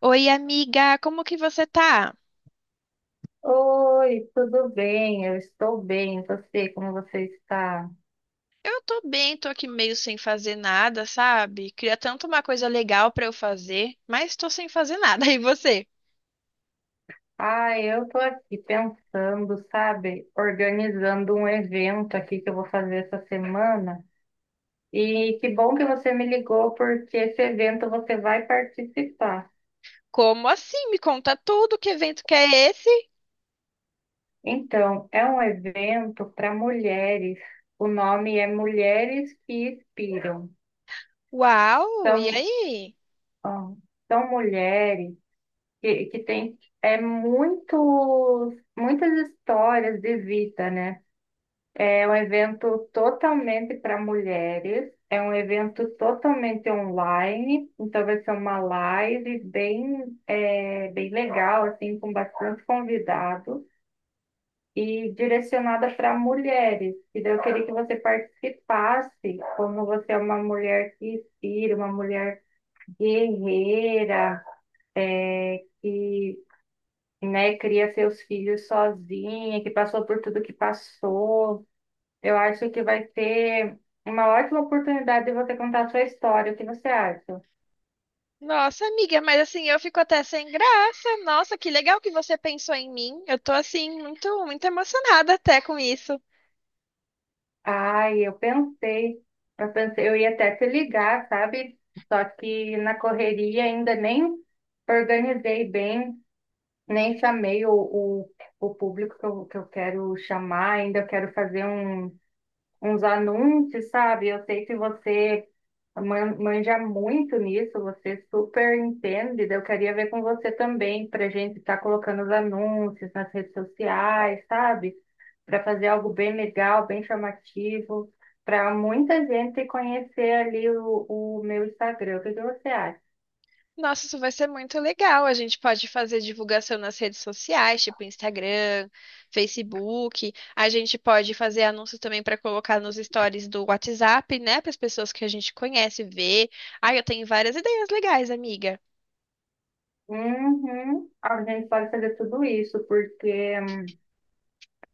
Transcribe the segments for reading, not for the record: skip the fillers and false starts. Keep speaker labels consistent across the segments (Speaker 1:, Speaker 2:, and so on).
Speaker 1: Oi, amiga, como que você tá?
Speaker 2: Oi, tudo bem? Eu estou bem. E você, como você está?
Speaker 1: Eu tô bem, tô aqui meio sem fazer nada, sabe? Queria tanto uma coisa legal pra eu fazer, mas tô sem fazer nada. E você?
Speaker 2: Ah, eu estou aqui pensando, sabe, organizando um evento aqui que eu vou fazer essa semana. E que bom que você me ligou, porque esse evento você vai participar.
Speaker 1: Como assim? Me conta tudo, que evento que é esse?
Speaker 2: Então, é um evento para mulheres. O nome é Mulheres que Inspiram.
Speaker 1: Uau, e
Speaker 2: São,
Speaker 1: aí?
Speaker 2: ah, são mulheres que tem é muitas histórias de vida, né? É um evento totalmente para mulheres, é um evento totalmente online, então vai ser uma live bem legal, assim, com bastante convidados. E direcionada para mulheres. E daí eu queria que você participasse, como você é uma mulher que inspira, uma mulher guerreira, que, né, cria seus filhos sozinha, que passou por tudo que passou. Eu acho que vai ser uma ótima oportunidade de você contar a sua história. O que você acha?
Speaker 1: Nossa, amiga, mas assim, eu fico até sem graça. Nossa, que legal que você pensou em mim. Eu tô assim muito, muito emocionada até com isso.
Speaker 2: Ai, eu pensei, eu pensei, eu ia até te ligar, sabe? Só que na correria ainda nem organizei bem, nem chamei o público que eu quero chamar, ainda quero fazer uns anúncios, sabe? Eu sei que você manja muito nisso, você super entende. Daí eu queria ver com você também, para a gente estar colocando os anúncios nas redes sociais, sabe? Para fazer algo bem legal, bem chamativo, para muita gente conhecer ali o meu Instagram. O que que você acha?
Speaker 1: Nossa, isso vai ser muito legal. A gente pode fazer divulgação nas redes sociais, tipo Instagram, Facebook. A gente pode fazer anúncios também para colocar nos stories do WhatsApp, né? Para as pessoas que a gente conhece ver. Ai, eu tenho várias ideias legais, amiga.
Speaker 2: Uhum. A gente pode fazer tudo isso, porque,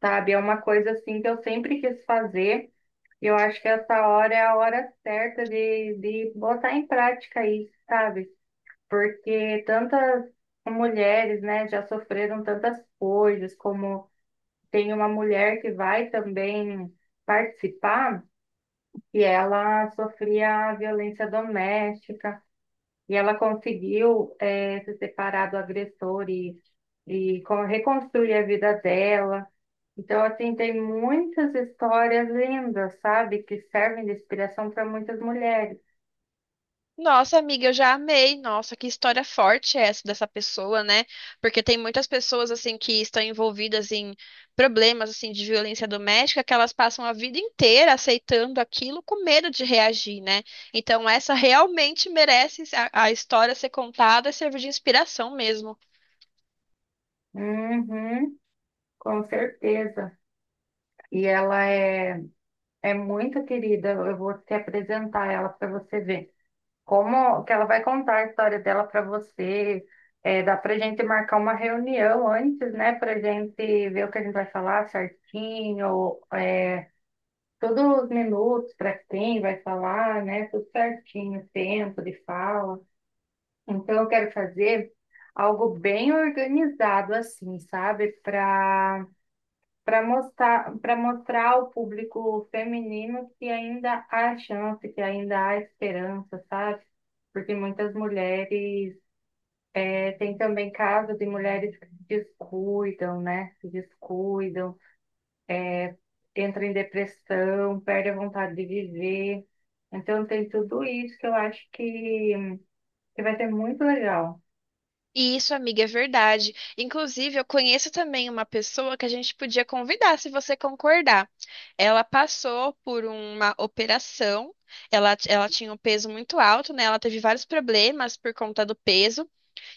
Speaker 2: sabe, é uma coisa assim que eu sempre quis fazer. Eu acho que essa hora é a hora certa de botar em prática isso, sabe? Porque tantas mulheres, né, já sofreram tantas coisas, como tem uma mulher que vai também participar, e ela sofria violência doméstica, e ela conseguiu se separar do agressor e reconstruir a vida dela. Então, assim, tem muitas histórias lindas, sabe? Que servem de inspiração para muitas mulheres.
Speaker 1: Nossa, amiga, eu já amei. Nossa, que história forte é essa dessa pessoa, né? Porque tem muitas pessoas assim que estão envolvidas em problemas assim de violência doméstica que elas passam a vida inteira aceitando aquilo com medo de reagir, né? Então essa realmente merece a história ser contada e servir de inspiração mesmo.
Speaker 2: Uhum, com certeza. E é muito querida. Eu vou te apresentar ela para você ver. Como que ela vai contar a história dela para você. É, dá para gente marcar uma reunião antes, né? Para gente ver o que a gente vai falar certinho, todos os minutos para quem vai falar, né? Tudo certinho, tempo de fala. Então, eu quero fazer algo bem organizado, assim, sabe? Para mostrar, para mostrar ao público feminino que ainda há chance, que ainda há esperança, sabe? Porque muitas mulheres, tem também casos de mulheres que se descuidam, né? Se descuidam, entram em depressão, perdem a vontade de viver. Então, tem tudo isso que eu acho que vai ser muito legal.
Speaker 1: Isso, amiga, é verdade. Inclusive, eu conheço também uma pessoa que a gente podia convidar, se você concordar. Ela passou por uma operação, ela tinha um peso muito alto, né? Ela teve vários problemas por conta do peso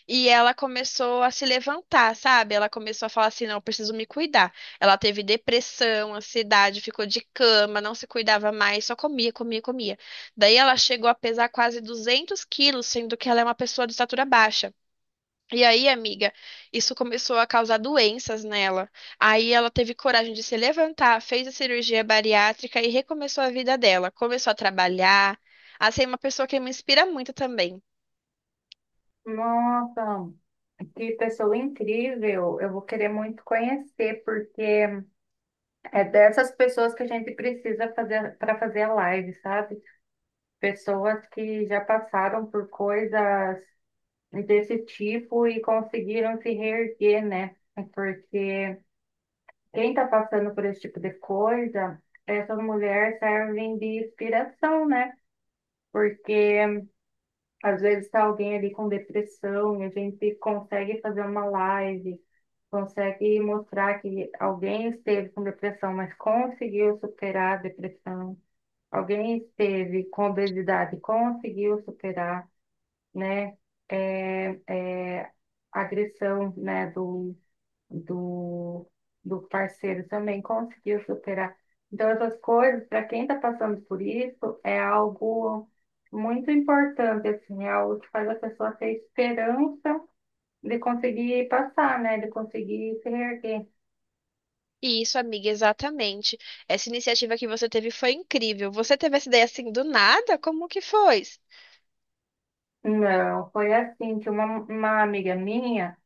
Speaker 1: e ela começou a se levantar, sabe? Ela começou a falar assim: não, eu preciso me cuidar. Ela teve depressão, ansiedade, ficou de cama, não se cuidava mais, só comia, comia, comia. Daí ela chegou a pesar quase 200 quilos, sendo que ela é uma pessoa de estatura baixa. E aí, amiga, isso começou a causar doenças nela. Aí ela teve coragem de se levantar, fez a cirurgia bariátrica e recomeçou a vida dela. Começou a trabalhar, a ser uma pessoa que me inspira muito também.
Speaker 2: Nossa, que pessoa incrível! Eu vou querer muito conhecer, porque é dessas pessoas que a gente precisa fazer para fazer a live, sabe? Pessoas que já passaram por coisas desse tipo e conseguiram se reerguer, né? É porque quem está passando por esse tipo de coisa, essas mulheres servem de inspiração, né? Porque às vezes está alguém ali com depressão e a gente consegue fazer uma live, consegue mostrar que alguém esteve com depressão, mas conseguiu superar a depressão. Alguém esteve com obesidade, e conseguiu superar, né? É, é, a agressão, né? Do do parceiro também conseguiu superar. Então, essas coisas, para quem está passando por isso, é algo muito importante, assim, é algo que faz a pessoa ter esperança de conseguir passar, né? De conseguir se reerguer.
Speaker 1: E isso, amiga, exatamente. Essa iniciativa que você teve foi incrível. Você teve essa ideia assim do nada? Como que foi?
Speaker 2: Não, foi assim que uma amiga minha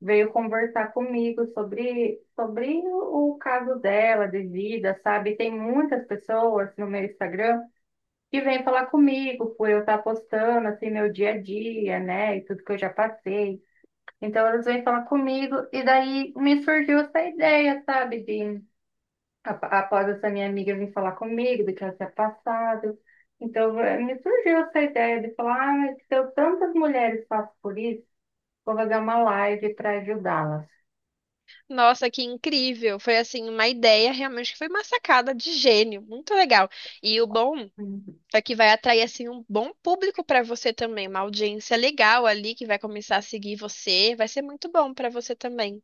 Speaker 2: veio conversar comigo sobre o caso dela de vida, sabe? Tem muitas pessoas no meu Instagram que vêm falar comigo por eu estar postando assim meu dia a dia, né? E tudo que eu já passei. Então elas vêm falar comigo e daí me surgiu essa ideia, sabe? Após essa minha amiga vir falar comigo do que ela tinha passado. Então, me surgiu essa ideia de falar, ah, mas se eu, tantas mulheres passam por isso, vou fazer uma live para ajudá-las.
Speaker 1: Nossa, que incrível! Foi assim uma ideia realmente que foi uma sacada de gênio, muito legal. E o bom,
Speaker 2: Hum.
Speaker 1: só que vai atrair assim um bom público para você também, uma audiência legal ali que vai começar a seguir você, vai ser muito bom para você também.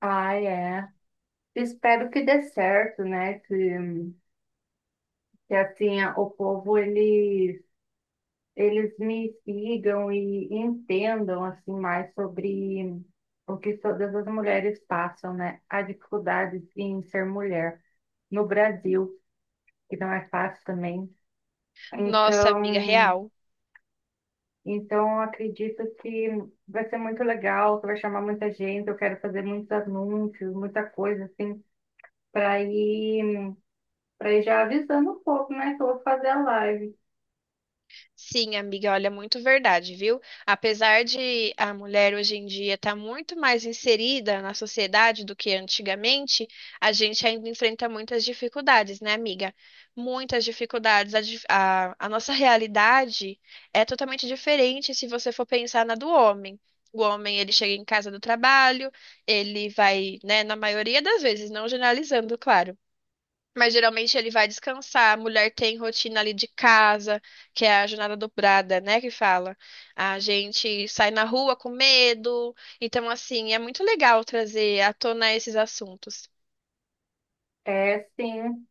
Speaker 2: Ah, é. Espero que dê certo, né? Que assim, o povo, eles me sigam e entendam, assim, mais sobre o que todas as mulheres passam, né? A dificuldade em ser mulher no Brasil. Que não é fácil também.
Speaker 1: Nossa, amiga
Speaker 2: Então,
Speaker 1: real.
Speaker 2: então eu acredito que vai ser muito legal, que vai chamar muita gente, eu quero fazer muitos anúncios, muita coisa assim, para ir para ir já avisando um pouco, né, que eu vou fazer a live.
Speaker 1: Sim, amiga, olha, muito verdade, viu? Apesar de a mulher hoje em dia estar muito mais inserida na sociedade do que antigamente, a gente ainda enfrenta muitas dificuldades, né, amiga? Muitas dificuldades. A nossa realidade é totalmente diferente se você for pensar na do homem. O homem, ele chega em casa do trabalho, ele vai, né, na maioria das vezes, não generalizando, claro. Mas geralmente ele vai descansar. A mulher tem rotina ali de casa, que é a jornada dobrada, né? Que fala. A gente sai na rua com medo. Então, assim, é muito legal trazer à tona esses assuntos.
Speaker 2: É, sim,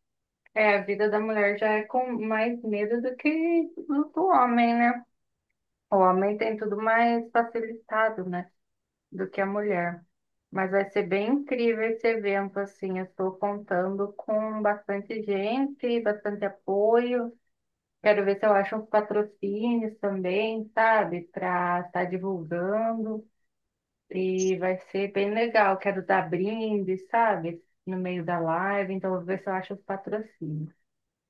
Speaker 2: é, a vida da mulher já é com mais medo do que do homem, né? O homem tem tudo mais facilitado, né? Do que a mulher. Mas vai ser bem incrível esse evento, assim. Eu estou contando com bastante gente, bastante apoio. Quero ver se eu acho uns patrocínios também, sabe? Para estar divulgando. E vai ser bem legal. Quero dar brinde, sabe? No meio da live. Então, eu vou ver se eu acho os patrocínios.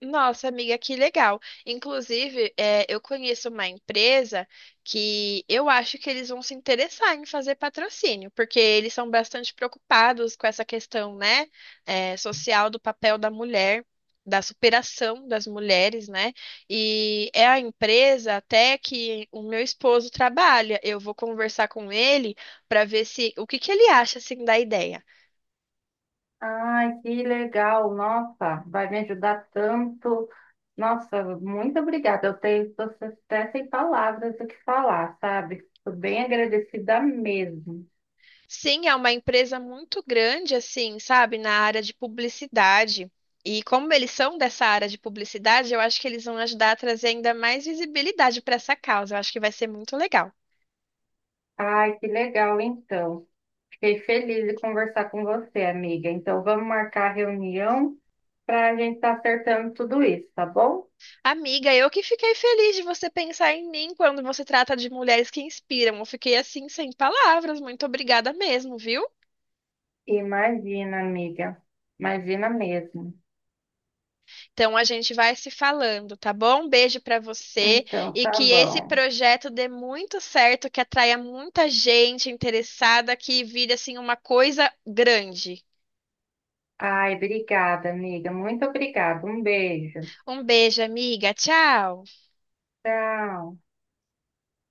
Speaker 1: Nossa, amiga, que legal. Inclusive, é, eu conheço uma empresa que eu acho que eles vão se interessar em fazer patrocínio, porque eles são bastante preocupados com essa questão, né, é, social do papel da mulher, da superação das mulheres, né? E é a empresa até que o meu esposo trabalha. Eu vou conversar com ele para ver se o que que ele acha assim da ideia.
Speaker 2: Ai, que legal, nossa, vai me ajudar tanto. Nossa, muito obrigada. Tô até sem palavras do que falar, sabe? Estou bem agradecida mesmo.
Speaker 1: Sim, é uma empresa muito grande, assim, sabe, na área de publicidade. E como eles são dessa área de publicidade, eu acho que eles vão ajudar a trazer ainda mais visibilidade para essa causa. Eu acho que vai ser muito legal.
Speaker 2: Ai, que legal, então. Fiquei feliz de conversar com você, amiga. Então, vamos marcar a reunião para a gente estar acertando tudo isso, tá bom?
Speaker 1: Amiga, eu que fiquei feliz de você pensar em mim quando você trata de mulheres que inspiram. Eu fiquei assim sem palavras. Muito obrigada mesmo, viu?
Speaker 2: Imagina, amiga. Imagina mesmo.
Speaker 1: Então a gente vai se falando, tá bom? Um beijo para você
Speaker 2: Então,
Speaker 1: e
Speaker 2: tá
Speaker 1: que esse
Speaker 2: bom.
Speaker 1: projeto dê muito certo, que atraia muita gente interessada, que vire assim uma coisa grande.
Speaker 2: Ai, obrigada, amiga. Muito obrigada. Um beijo.
Speaker 1: Um beijo, amiga. Tchau.
Speaker 2: Tchau.